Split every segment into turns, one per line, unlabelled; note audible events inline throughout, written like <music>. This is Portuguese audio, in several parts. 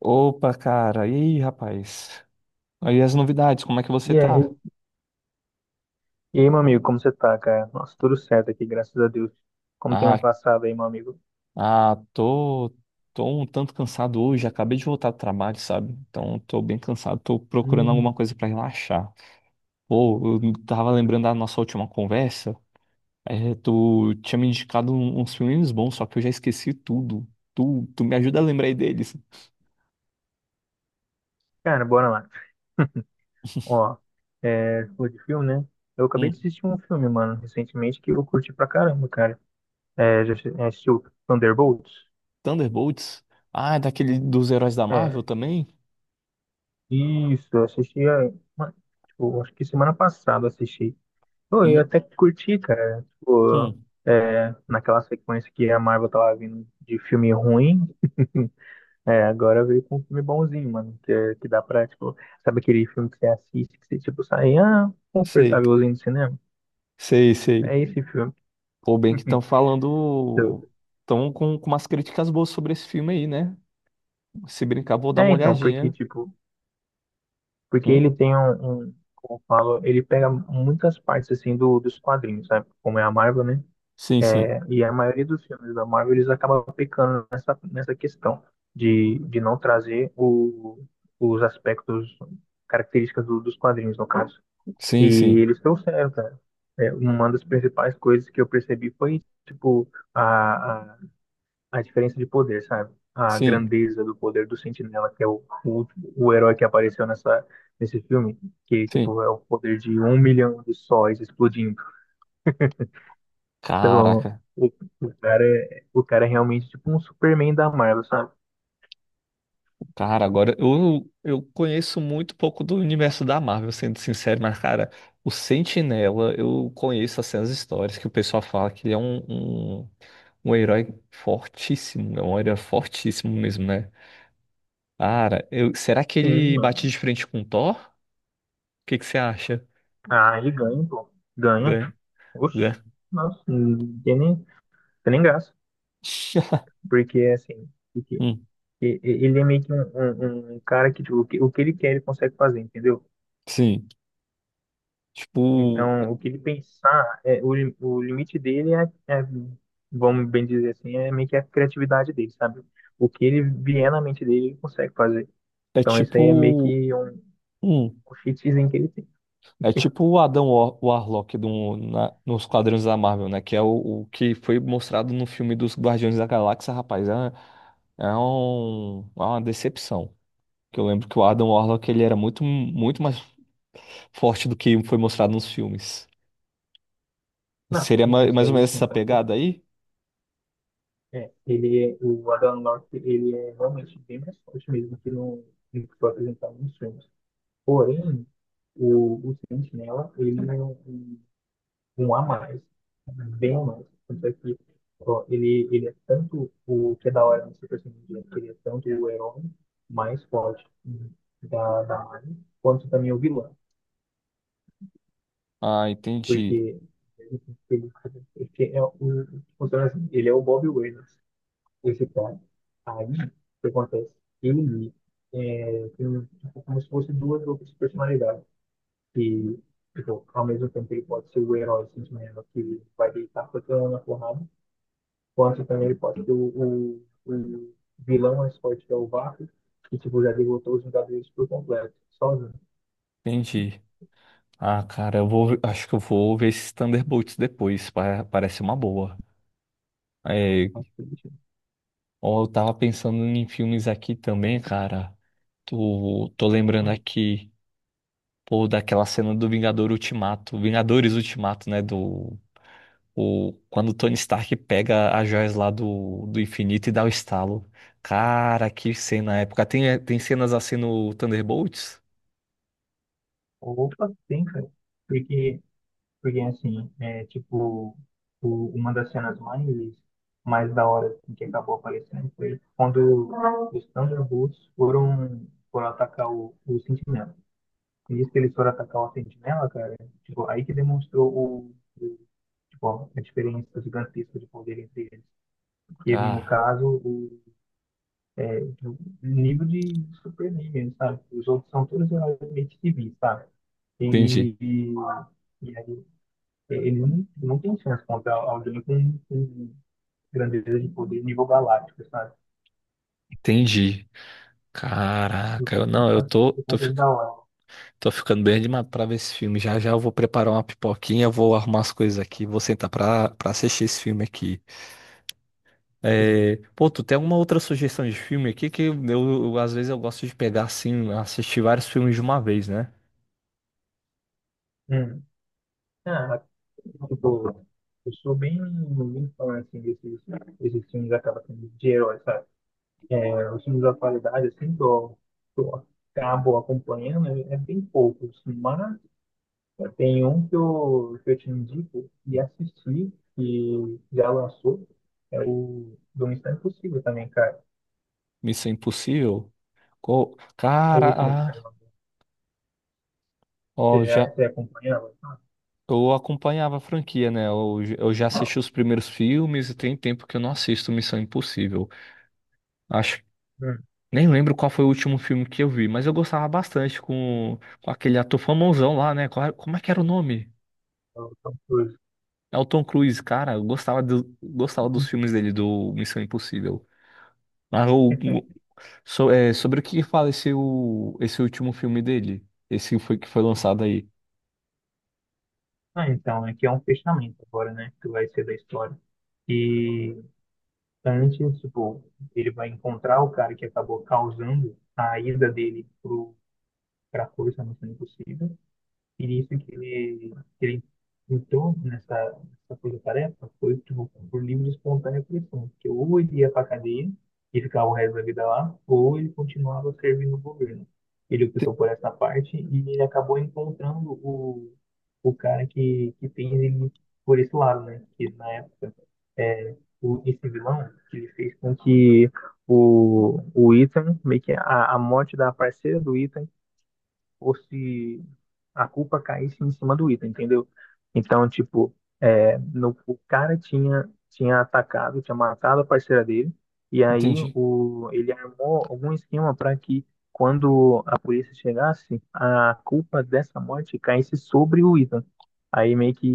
Opa, cara. E aí, rapaz? Aí as novidades, como é que você
E aí,
tá?
e aí, meu amigo, como você tá, cara? Nossa, tudo certo aqui, graças a Deus. Como tem ano
Ah,
passado aí, meu amigo?
ah, tô um tanto cansado hoje. Acabei de voltar do trabalho, sabe? Então, tô bem cansado. Tô procurando alguma
Hum,
coisa pra relaxar. Pô, eu tava lembrando da nossa última conversa. É, tu tinha me indicado uns filmes bons, só que eu já esqueci tudo. Tu me ajuda a lembrar aí deles.
Cara, bora lá. Ó, falou de filme, né? Eu acabei de
Hum,
assistir um filme, mano, recentemente que eu curti pra caramba, cara. Já assistiu Thunderbolts?
Thunderbolts. Ah, é daquele dos heróis da Marvel
É,
também?
isso, eu assisti, tipo, acho que semana passada eu assisti. Pô, eu
E,
até que curti, cara. Tipo,
hum,
naquela sequência que a Marvel tava vindo de filme ruim. <laughs> Agora veio com um filme bonzinho, mano. Que, que dá pra, tipo, sabe aquele filme que você assiste, que você, tipo, sai, ah,
Sei,
confortávelzinho do cinema?
sei, sei.
É esse filme.
Pô, bem que estão
<laughs>
falando. Estão com umas críticas boas sobre esse filme aí, né? Se brincar, vou dar uma
Então, porque,
olhadinha.
tipo, porque ele
Hum?
tem como eu falo, ele pega muitas partes, assim, dos quadrinhos, sabe? Como é a Marvel, né?
Sim, sim.
E a maioria dos filmes da Marvel, eles acabam pecando nessa questão de não trazer os aspectos, características dos quadrinhos, no caso.
Sim,
E
sim.
eles trouxeram, cara. Uma das principais coisas que eu percebi foi, tipo, a diferença de poder, sabe? A
Sim,
grandeza do poder do Sentinela, que é o herói que apareceu nesse filme, que,
sim.
tipo, é o poder de 1 milhão de sóis explodindo. Então,
Caraca.
o, o cara é realmente, tipo, um Superman da Marvel, sabe?
Cara, agora eu conheço muito pouco do universo da Marvel, sendo sincero, mas, cara, o Sentinela, eu conheço assim, as histórias que o pessoal fala que ele é um herói fortíssimo. É um herói fortíssimo mesmo, né? Cara, será que
Sim,
ele bate
mano.
de frente com o Thor? O que que você acha?
Ah, ele ganha, pô. Ganha.
Né? Né?
Oxe, nossa, não tem nem graça.
<laughs>
Porque, assim,
Hum,
Ele é meio que um cara que tipo, o que ele quer ele consegue fazer, entendeu?
sim. Tipo,
Então, o que ele pensar, o limite dele é, vamos bem dizer assim, é meio que a criatividade dele, sabe? O que ele vier na mente dele, ele consegue fazer.
é
Então, isso aí é meio
tipo.
que
Hum,
um cheatzinho que ele tem.
é tipo o Adam Warlock nos quadrinhos da Marvel, né? Que é o que foi mostrado no filme dos Guardiões da Galáxia, rapaz. É uma decepção. Que eu lembro que o Adam Warlock ele era muito, muito mais forte do que foi mostrado nos filmes.
Não,
Seria
isso
mais ou
aí, sim,
menos
com
essa
certeza.
pegada aí?
O Adam Locke, ele é realmente bem mais forte mesmo que no que foi apresentado nos filmes. Porém, o Sentinela, ele não. Um a mais, bem a mais. Tanto é que ó, ele é tanto o que é da hora no Super Saiyan Ninja, que ele é tanto o herói mais forte da Marvel, quanto também o vilão.
Ah, entendi.
Porque ele, é ele é o Bob Waynes, esse cara. Aí, o que acontece? Ele tem tipo, como se fosse duas outras personalidades. Que, tipo, ao mesmo tempo ele pode ser o herói sentimento que vai deitar pra todo mundo na porrada, quanto também ele pode ser o, o vilão mais forte que é o Vácuo, que tipo, já derrotou os Vingadores por completo, sozinho.
Entendi. Ah, cara, acho que eu vou ver esses Thunderbolts depois, parece uma boa. É,
Assim,
ó, eu tava pensando em filmes aqui também, cara. Tô lembrando aqui, pô, daquela cena do Vingador Ultimato, Vingadores Ultimato, né, quando o Tony Stark pega as joias lá do infinito e dá o estalo. Cara, que cena épica. Tem cenas assim no Thunderbolts?
opa, tem, cara. Porque, porque assim, é tipo, uma das cenas mais da hora assim, que acabou aparecendo foi quando os Thunderbolts foram atacar o Sentinela. E nisso que eles foram atacar o Sentinela, cara, tipo, aí que demonstrou o- tipo, a diferença gigantesca de poder entre eles, que no
Cara,
caso o nível de Superman mesmo, sabe? Os outros são todos realmente civis, sabe?
entendi,
E, e, e aí eles não têm chance contra alguém com grandeza de poder nível galáctico, sabe?
entendi.
Não
Caraca, eu,
tem por
não, eu
quase
tô,
por
tô, fi-
conta da hora.
Tô ficando bem animado pra ver esse filme. Já já eu vou preparar uma pipoquinha, vou arrumar as coisas aqui, vou sentar pra assistir esse filme aqui.
Sim.
É, pô, tu tem alguma outra sugestão de filme aqui que às vezes eu gosto de pegar assim, assistir vários filmes de uma vez, né?
Hum. Ah, tipo, eu sou bem, fã assim, desses filmes acaba sendo de heróis, sabe? Os filmes da atualidade, assim, do acabo acompanhando, é bem poucos, mas tem um que eu te indico e assisti, que já lançou, é o do Missão Impossível também, cara.
Missão Impossível.
É o último que
Cara,
saiu
ah,
agora.
ó, já
Você acompanhava?
eu acompanhava a franquia, né? Eu já assisti os primeiros filmes e tem tempo que eu não assisto Missão Impossível. Acho
Hum,
Nem lembro qual foi o último filme que eu vi, mas eu gostava bastante com aquele ator famosão lá, né? Como é que era o nome?
então, pois.
É o Tom Cruise, cara. Eu gostava dos filmes dele, do Missão Impossível. Mas
<laughs>
sobre o que fala esse último filme dele? Esse foi que foi lançado aí.
Ah, então, é que é um fechamento agora, né? Que vai ser da história. E antes, tipo, ele vai encontrar o cara que acabou causando a ida dele para a força não sendo impossível. E nisso que que ele entrou nessa coisa tarefa foi tipo, por livre e espontânea pressão, porque ou ele ia para a cadeia e ficava o resto da vida lá, ou ele continuava servindo o governo. Ele optou
Te-
por essa parte e ele acabou encontrando o cara que fez ele por esse lado, né? Que na época, esse vilão, que ele fez com que o Ethan, meio que a morte da parceira do Ethan ou se a culpa caísse em cima do item, entendeu? Então, tipo, é, no, o cara tinha atacado, tinha matado a parceira dele, e aí
Entendi.
ele armou algum esquema para que quando a polícia chegasse, a culpa dessa morte caísse sobre o Ethan. Aí meio que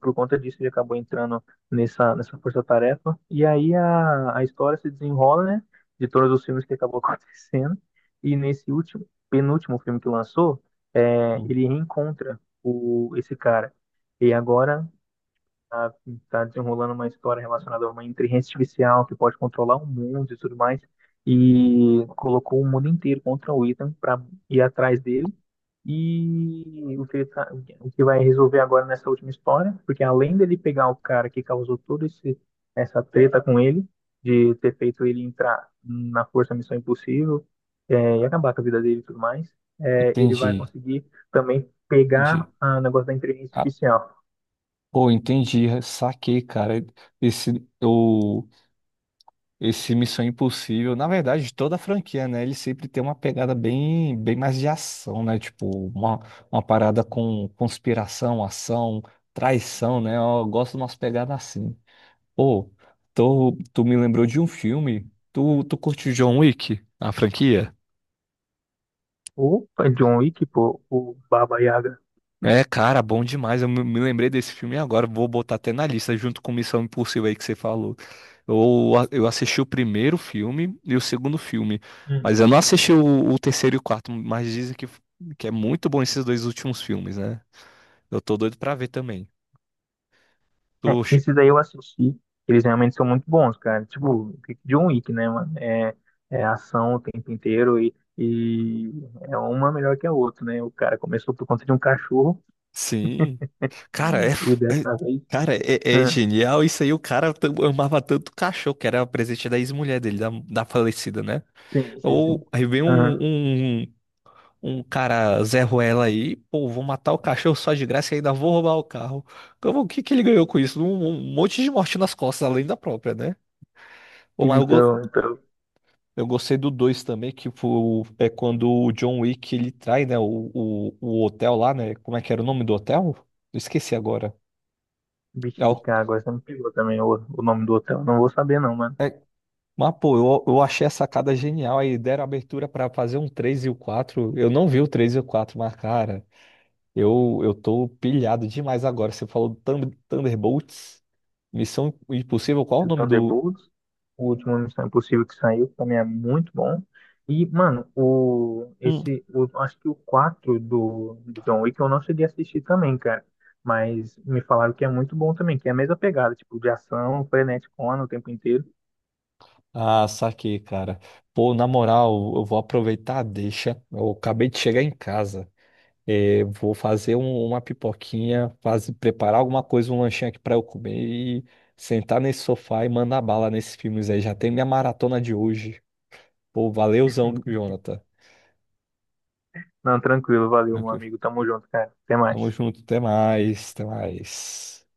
por conta disso ele acabou entrando nessa força-tarefa. E aí a história se desenrola, né? De todos os filmes que acabou <laughs> acontecendo. E nesse penúltimo filme que lançou,
Hum.
ele reencontra esse cara. E agora tá, tá desenrolando uma história relacionada a uma inteligência artificial que pode controlar o mundo e tudo mais, e colocou o mundo inteiro contra o Ethan para ir atrás dele. E o que, ele tá- o que vai resolver agora nessa última história, porque além dele pegar o cara que causou essa treta com ele, de ter feito ele entrar na Força Missão Impossível, e acabar com a vida dele e tudo mais, ele vai
Entendi.
conseguir também pegar
Entendi.
o negócio da inteligência
Cara,
artificial.
pô, entendi. Saquei, cara. Esse, Esse Missão Impossível, na verdade, toda a franquia, né? Ele sempre tem uma pegada bem mais de ação, né? Tipo, uma, uma parada com conspiração, ação, traição, né? Eu gosto de umas pegadas assim. Pô, tu me lembrou de um filme. Tu curte John Wick, a franquia?
Opa, John Wick, pô, o Baba Yaga.
É, cara, bom demais. Eu me lembrei desse filme agora. Vou botar até na lista, junto com Missão Impossível aí que você falou. Eu assisti o primeiro filme e o segundo filme,
Hum.
mas eu não assisti o terceiro e o quarto, mas dizem que é muito bom esses dois últimos filmes, né? Eu tô doido pra ver também.
É,
Tô che-
esses aí eu assisti, eles realmente são muito bons, cara. Tipo, John Wick, né, mano? É ação o tempo inteiro e é uma melhor que a outra, né? O cara começou por conta de um cachorro
Sim. Cara, é,
e
f- é-
dessa vez.
cara, é
Ah,
genial. Isso aí, o cara amava tanto o cachorro, que era o presente da ex-mulher dele, da falecida, né?
sim, sim, sim.
Ou aí vem
Ah,
um cara Zé Ruela aí, pô, vou matar o cachorro só de graça e ainda vou roubar o carro. Como, o que que ele ganhou com isso? Um monte de morte nas costas, além da própria, né? Pô, mas eu, go-
então,
eu gostei do 2 também, é quando o John Wick ele trai, né, o hotel lá, né? Como é que era o nome do hotel? Eu esqueci agora.
bicho,
É, o-
Chicago, essa me pegou também o nome do hotel. Não vou saber, não, mano.
é- mas, pô, eu achei a sacada genial. Aí deram abertura pra fazer um 3 e o quatro. Eu não vi o 3 e o quatro, mas, cara. Eu tô pilhado demais agora. Você falou Thunderbolts, Missão Impossível. Qual o
O
nome do.
Thunderbolts, o último Missão Impossível que saiu, que também é muito bom. E, mano,
Hum,
acho que o 4 do John Wick eu não cheguei a assistir também, cara. Mas me falaram que é muito bom também, que é a mesma pegada, tipo, de ação, frenético, o tempo inteiro.
Ah, saquei, cara. Pô, na moral, eu vou aproveitar a deixa. Eu acabei de chegar em casa. É, vou fazer uma pipoquinha, preparar alguma coisa, um lanchinho aqui pra eu comer e sentar nesse sofá e mandar bala nesses filmes aí. Já tem minha maratona de hoje. Pô, valeuzão,
<laughs>
Jonathan.
Não, tranquilo, valeu, meu
Tranquilo.
amigo. Tamo junto, cara. Até
Tamo
mais.
junto, até mais, até mais.